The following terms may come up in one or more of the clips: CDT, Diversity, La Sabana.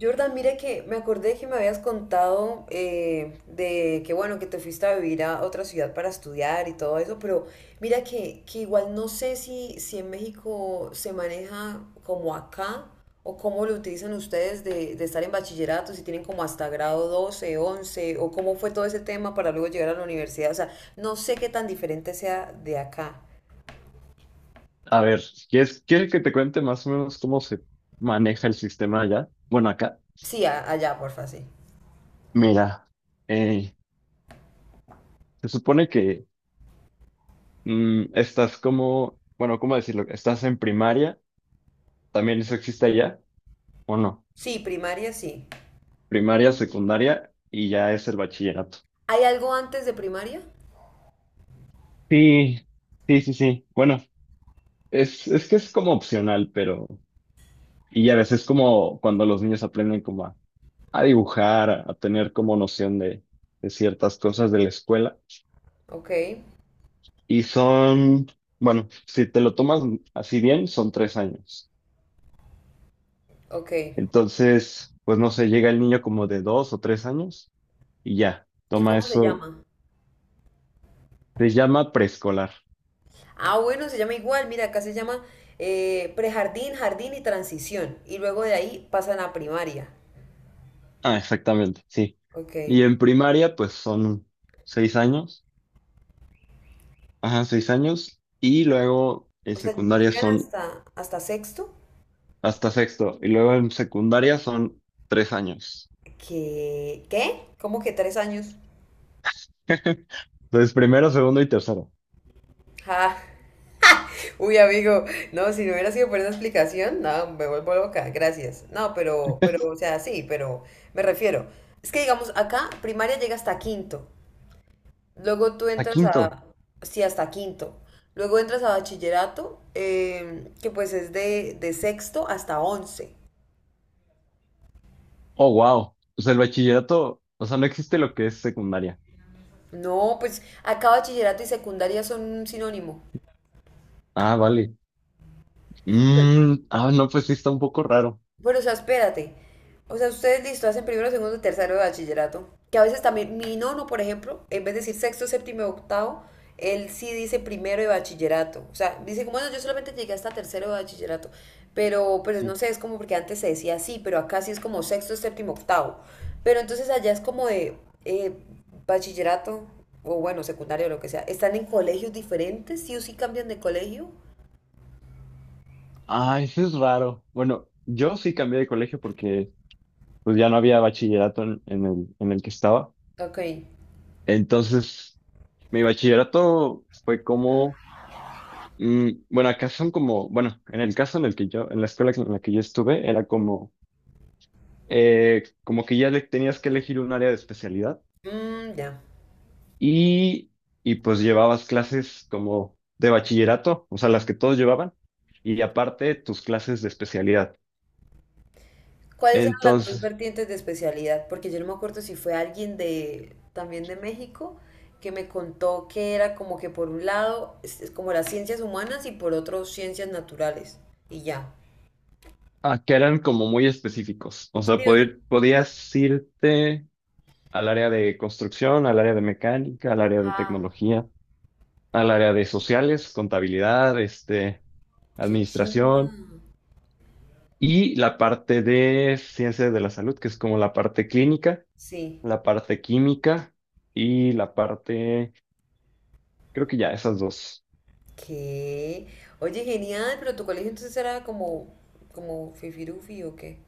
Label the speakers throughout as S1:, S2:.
S1: Jordan, mira que me acordé que me habías contado de que bueno, que te fuiste a vivir a otra ciudad para estudiar y todo eso, pero mira que igual no sé si en México se maneja como acá o cómo lo utilizan ustedes de estar en bachillerato, si tienen como hasta grado 12 11 o cómo fue todo ese tema para luego llegar a la universidad. O sea, no sé qué tan diferente sea de acá.
S2: A ver, ¿quieres que te cuente más o menos cómo se maneja el sistema allá? Bueno, acá,
S1: Sí, allá, porfa, sí.
S2: mira, eh, se supone que estás como, bueno, ¿cómo decirlo? Estás en primaria, también eso existe allá, ¿o no?
S1: Sí, primaria, sí.
S2: Primaria, secundaria y ya es el bachillerato.
S1: ¿Hay algo antes de primaria?
S2: Sí, sí, sí, sí. Bueno, es que es como opcional, pero, y a veces como cuando los niños aprenden como a dibujar, a tener como noción de ciertas cosas de la escuela.
S1: Ok,
S2: Y son, bueno, si te lo tomas así bien, son 3 años.
S1: ok.
S2: Entonces, pues no sé, llega el niño como de 2 o 3 años y ya,
S1: ¿Y
S2: toma
S1: cómo se
S2: eso,
S1: llama?
S2: se llama preescolar.
S1: Ah, bueno, se llama igual. Mira, acá se llama prejardín, jardín y transición. Y luego de ahí pasan a primaria.
S2: Ah, exactamente, sí.
S1: Ok.
S2: Y en primaria, pues son 6 años, ajá, 6 años, y luego en
S1: O sea,
S2: secundaria
S1: llegan
S2: son
S1: hasta sexto.
S2: hasta sexto, y luego en secundaria son 3 años.
S1: ¿Qué? ¿Qué? ¿Cómo que tres años?
S2: Entonces, primero, segundo y tercero.
S1: Ah, uy, amigo. No, si no hubiera sido por esa explicación, no, me vuelvo loca. Gracias. No, pero, o sea, sí, pero me refiero. Es que digamos, acá primaria llega hasta quinto. Luego tú
S2: A
S1: entras
S2: quinto.
S1: a, sí, hasta quinto. Luego entras a bachillerato, que pues es de sexto hasta once.
S2: Oh, wow. O sea, el bachillerato, o sea, no existe lo que es secundaria.
S1: No, pues acá bachillerato y secundaria son un sinónimo.
S2: Ah, vale. Ah, no, pues sí está un poco raro.
S1: Bueno, o sea, espérate. O sea, ustedes listo, hacen primero, segundo, tercero de bachillerato. Que a veces también, mi nono, por ejemplo, en vez de decir sexto, séptimo y octavo, él sí dice primero de bachillerato. O sea, dice como, bueno, yo solamente llegué hasta tercero de bachillerato. Pero no
S2: Sí.
S1: sé, es como porque antes se decía así, pero acá sí es como sexto, séptimo, octavo. Pero entonces allá es como de eh, bachillerato, o bueno, secundario, lo que sea. ¿Están en colegios diferentes? ¿Sí o sí cambian de colegio?
S2: Ah, eso es raro. Bueno, yo sí cambié de colegio porque pues ya no había bachillerato en el que estaba.
S1: Ok.
S2: Entonces, mi bachillerato fue como, bueno, acá son como, bueno, en el caso en el que yo, en la escuela en la que yo estuve, era como, como que ya tenías que elegir un área de especialidad.
S1: Mm, ya.
S2: y, y pues llevabas clases como de bachillerato, o sea, las que todos llevaban, y aparte tus clases de especialidad.
S1: ¿Cuáles eran las dos
S2: Entonces,
S1: vertientes de especialidad? Porque yo no me acuerdo si fue alguien de también de México que me contó que era como que por un lado es como las ciencias humanas y por otro ciencias naturales y ya.
S2: que eran como muy específicos, o sea,
S1: Sí,
S2: podías irte al área de construcción, al área de mecánica, al área de
S1: ah,
S2: tecnología, al área de sociales, contabilidad, este,
S1: qué chimba.
S2: administración. Y la parte de ciencias de la salud, que es como la parte clínica,
S1: Sí,
S2: la parte química y la parte. Creo que ya, esas dos.
S1: qué. Oye, genial, pero tu colegio entonces era como como fifirufi o qué?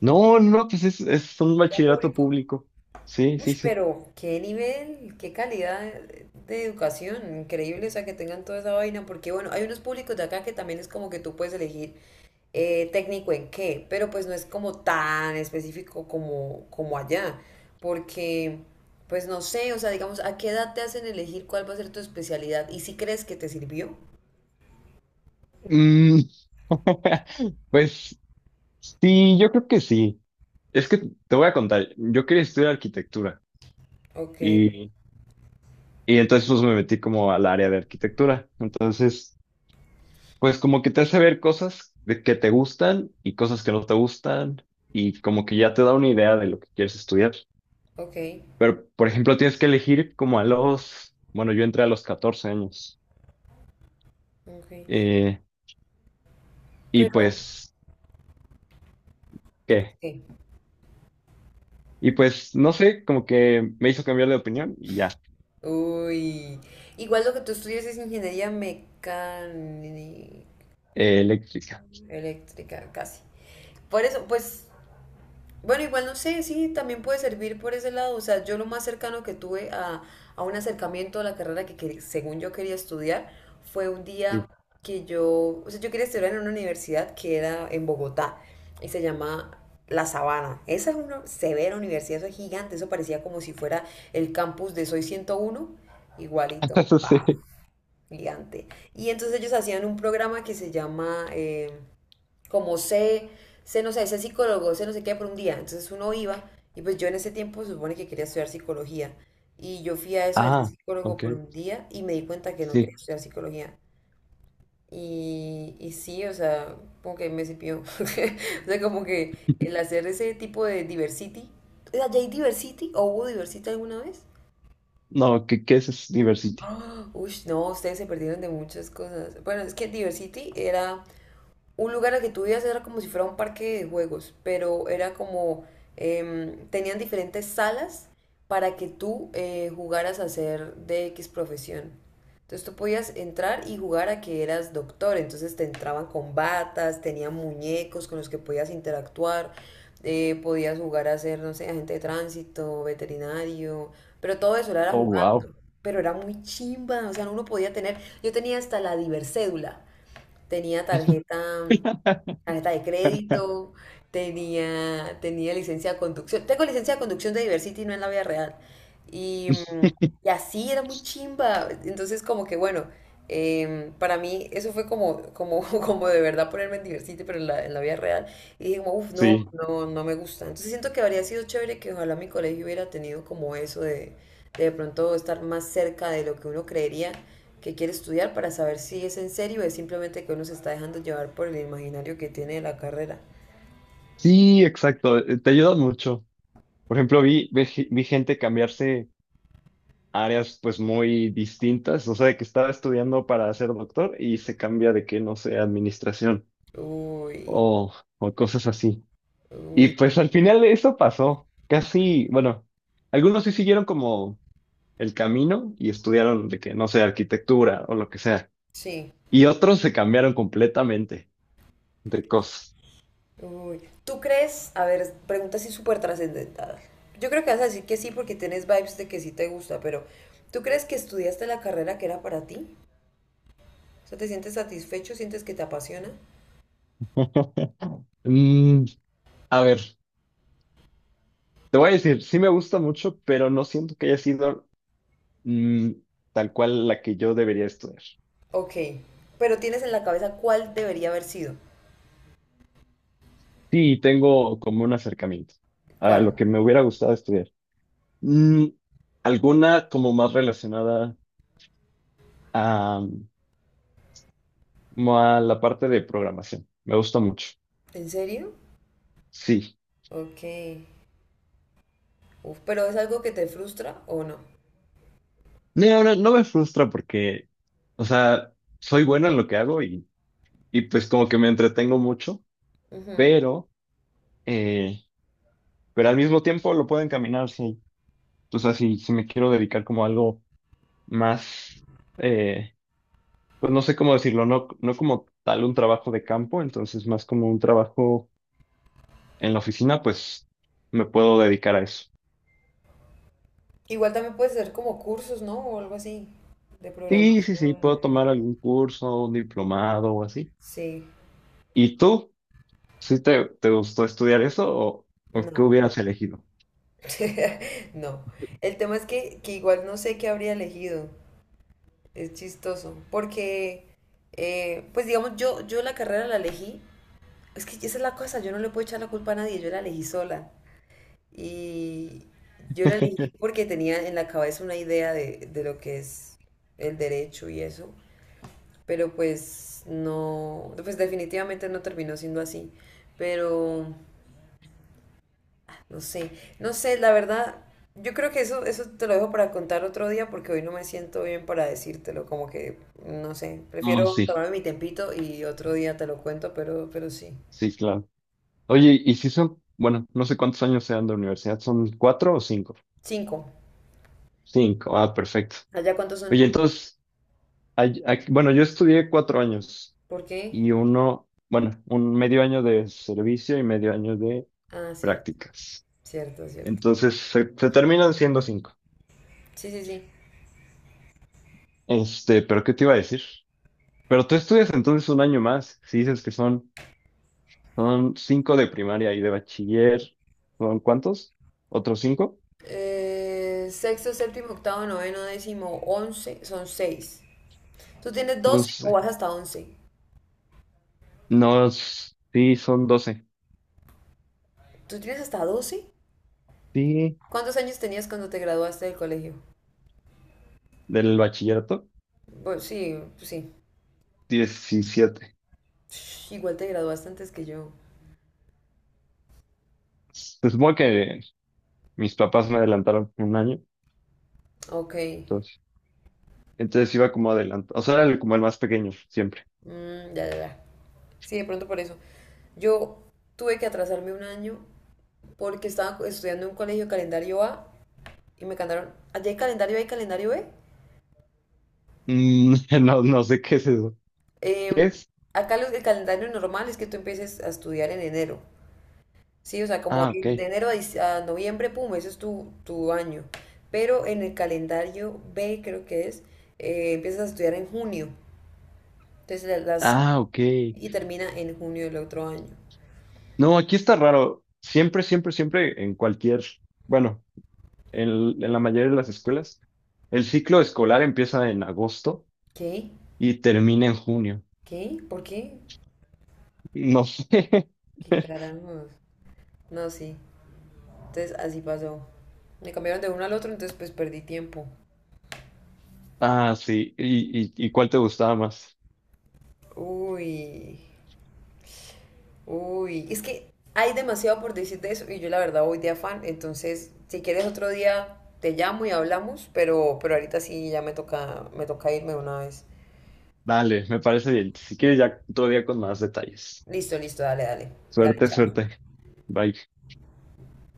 S2: No, no, pues es un
S1: ¿Era
S2: bachillerato
S1: público?
S2: público. Sí,
S1: Uy,
S2: sí, sí.
S1: pero qué nivel, qué calidad de educación, increíble, o sea, que tengan toda esa vaina, porque bueno, hay unos públicos de acá que también es como que tú puedes elegir técnico en qué, pero pues no es como tan específico como, como allá, porque pues no sé, o sea, digamos, ¿a qué edad te hacen elegir cuál va a ser tu especialidad? ¿Y si crees que te sirvió?
S2: Mm. Pues sí, yo creo que sí. Es que te voy a contar, yo quería estudiar arquitectura,
S1: Ok,
S2: y, y entonces pues me metí como al área de arquitectura. Entonces, pues como que te hace ver cosas de que te gustan y cosas que no te gustan y como que ya te da una idea de lo que quieres estudiar.
S1: ok,
S2: Pero, por ejemplo, tienes que elegir como a los, bueno, yo entré a los 14 años.
S1: ok,
S2: eh, Y
S1: pero
S2: pues,
S1: ¿y por
S2: ¿qué?
S1: qué?
S2: Y pues, no sé, como que me hizo cambiar de opinión y ya.
S1: Uy, igual lo que tú estudias es ingeniería mecánica.
S2: Eléctrica.
S1: Eléctrica, casi. Por eso, pues, bueno, igual no sé, sí, también puede servir por ese lado. O sea, yo lo más cercano que tuve a un acercamiento a la carrera que, según yo quería estudiar fue un
S2: Sí.
S1: día que yo, o sea, yo quería estudiar en una universidad que era en Bogotá y se llama La Sabana. Esa es una severa universidad, eso es gigante, eso parecía como si fuera el campus de Soy 101 igualito,
S2: Eso sí.
S1: bah, gigante. Y entonces ellos hacían un programa que se llama... como sé, sé, no sé, sé psicólogo, sé no sé qué por un día. Entonces uno iba y pues yo en ese tiempo se supone que quería estudiar psicología y yo fui a eso de ser
S2: Ah,
S1: psicólogo
S2: ok.
S1: por un día y me di cuenta que no quería
S2: Sí.
S1: estudiar psicología. Y sí, o sea, como que me cipió. O sea, como que el hacer ese tipo de diversity. O sea, ¿ya hay diversity o hubo diversity alguna vez?
S2: No, ¿qué es Diversity?
S1: Ah, uy, no, ustedes se perdieron de muchas cosas. Bueno, es que diversity era un lugar al que tú ibas era como si fuera un parque de juegos, pero era como, tenían diferentes salas para que tú jugaras a ser de X profesión. Entonces tú podías entrar y jugar a que eras doctor, entonces te entraban con batas, tenían muñecos con los que podías interactuar, podías jugar a ser, no sé, agente de tránsito, veterinario, pero todo eso era
S2: Oh, wow.
S1: jugando. Pero era muy chimba, o sea, uno podía tener, yo tenía hasta la diversédula, tenía tarjeta Tarjeta de crédito, tenía, tenía licencia de conducción. Tengo licencia de conducción de Diversity, no en la vida real. Y, y así era muy chimba. Entonces, como que bueno, para mí eso fue como, como, como de verdad ponerme en Diversity, pero en la vida real. Y dije como, uff, no,
S2: Sí.
S1: no, no me gusta. Entonces siento que habría sido chévere que ojalá mi colegio hubiera tenido como eso de pronto estar más cerca de lo que uno creería que quiere estudiar para saber si es en serio o es simplemente que uno se está dejando llevar por el imaginario que tiene de la carrera.
S2: Sí, exacto. Te ayudan mucho. Por ejemplo, vi gente cambiarse a áreas pues muy distintas. O sea, de que estaba estudiando para ser doctor y se cambia de que, no sé, administración,
S1: Uy,
S2: o, o cosas así. Y
S1: uy, no.
S2: pues al final eso pasó. Casi, bueno, algunos sí siguieron como el camino y estudiaron de que, no sé, arquitectura o lo que sea.
S1: Sí,
S2: Y otros se cambiaron completamente de cosas.
S1: uy. ¿Tú crees? A ver, pregunta así súper trascendental. Yo creo que vas a decir que sí porque tienes vibes de que sí te gusta, pero ¿tú crees que estudiaste la carrera que era para ti? O sea, ¿te sientes satisfecho? ¿Sientes que te apasiona?
S2: Mm, a ver, te voy a decir, sí me gusta mucho, pero no siento que haya sido, mm, tal cual la que yo debería estudiar.
S1: Ok, pero tienes en la cabeza cuál debería haber sido.
S2: Sí, tengo como un acercamiento a lo
S1: ¿Cuál?
S2: que me hubiera gustado estudiar. Mm, alguna como más relacionada a como a la parte de programación. Me gusta mucho.
S1: ¿En serio?
S2: Sí.
S1: Ok. Uf, pero es algo que te frustra o no.
S2: No, ahora no me frustra porque, o sea, soy bueno en lo que hago, y pues como que me entretengo mucho,
S1: Ujú.
S2: pero, eh, pero al mismo tiempo lo puedo encaminar, sí. O sea, si me quiero dedicar como a algo más, eh, pues no sé cómo decirlo, no como tal un trabajo de campo, entonces más como un trabajo en la oficina, pues me puedo dedicar a eso.
S1: Igual también puedes hacer como cursos, ¿no? O algo así de
S2: Sí, sí, sí,
S1: programación y
S2: puedo
S1: vainas.
S2: tomar algún curso, un diplomado o así.
S1: Sí,
S2: ¿Y tú? ¿Sí te gustó estudiar eso o qué
S1: no.
S2: hubieras elegido?
S1: No. El tema es que igual no sé qué habría elegido. Es chistoso. Porque, pues digamos, yo la carrera la elegí. Es que esa es la cosa, yo no le puedo echar la culpa a nadie, yo la elegí sola. Y yo la elegí porque tenía en la cabeza una idea de lo que es el derecho y eso. Pero pues no, pues definitivamente no terminó siendo así, pero no sé, no sé, la verdad, yo creo que eso te lo dejo para contar otro día porque hoy no me siento bien para decírtelo, como que, no sé,
S2: Ah,
S1: prefiero
S2: sí,
S1: tomarme mi tempito y otro día te lo cuento, pero sí.
S2: sí, claro. Oye, ¿y si son, bueno, no sé cuántos años sean de universidad, ¿son cuatro o cinco?
S1: Cinco.
S2: Cinco, ah, perfecto.
S1: ¿Allá cuántos son?
S2: Oye, entonces, bueno, yo estudié 4 años
S1: ¿Por qué?
S2: y uno, bueno, un medio año de servicio y medio año de
S1: Ah, cierto,
S2: prácticas.
S1: cierto, cierto.
S2: Entonces, se terminan siendo cinco.
S1: Sí, sí, sí.
S2: Este, pero ¿qué te iba a decir? Pero tú estudias entonces un año más, si dices que son. Son cinco de primaria y de bachiller. ¿Son cuántos? ¿Otros cinco?
S1: Sexto, séptimo, octavo, noveno, décimo, once, son seis. ¿Tú tienes doce o
S2: Entonces,
S1: vas hasta once?
S2: no, sí, son 12.
S1: ¿Tú tienes hasta 12.
S2: Sí,
S1: ¿Cuántos años tenías cuando te graduaste del colegio?
S2: del bachillerato,
S1: Bueno, sí, sí.
S2: 17.
S1: Shh, igual te graduaste antes que yo.
S2: Se supone que mis papás me adelantaron un año,
S1: Ok.
S2: entonces, entonces iba como adelantado. O sea, era como el más pequeño, siempre.
S1: Mm, ya, ya, ya. Sí, de pronto por eso. Yo tuve que atrasarme un año porque estaba estudiando en un colegio calendario A y me cantaron, allá hay calendario A y calendario B.
S2: Mm. No, no sé qué es eso. ¿Qué
S1: Em,
S2: es?
S1: acá los el calendario normal es que tú empieces a estudiar en enero. Sí, o sea, como
S2: Ah, ok.
S1: de enero a, a noviembre, pum, ese es tu, tu año. Pero en el calendario B, creo que es, empiezas a estudiar en junio. Entonces las
S2: Ah, ok.
S1: y termina en junio del otro año.
S2: No, aquí está raro. Siempre, siempre, siempre en cualquier, bueno, en en la mayoría de las escuelas. El ciclo escolar empieza en agosto
S1: ¿Qué?
S2: y termina en junio.
S1: ¿Qué? ¿Por qué?
S2: No sé.
S1: ¿Qué carajos? No, sí. Entonces así pasó. Me cambiaron de uno al otro, entonces pues perdí tiempo.
S2: Ah, sí. ¿Y cuál te gustaba más?
S1: Uy. Uy, es que hay demasiado por decir de eso y yo la verdad voy de afán, entonces si quieres otro día te llamo y hablamos, pero ahorita sí ya me toca irme de una vez.
S2: Dale, me parece bien. Si quieres, ya otro día con más detalles.
S1: Listo, listo, dale, dale. Dale,
S2: Suerte,
S1: chao.
S2: suerte. Bye.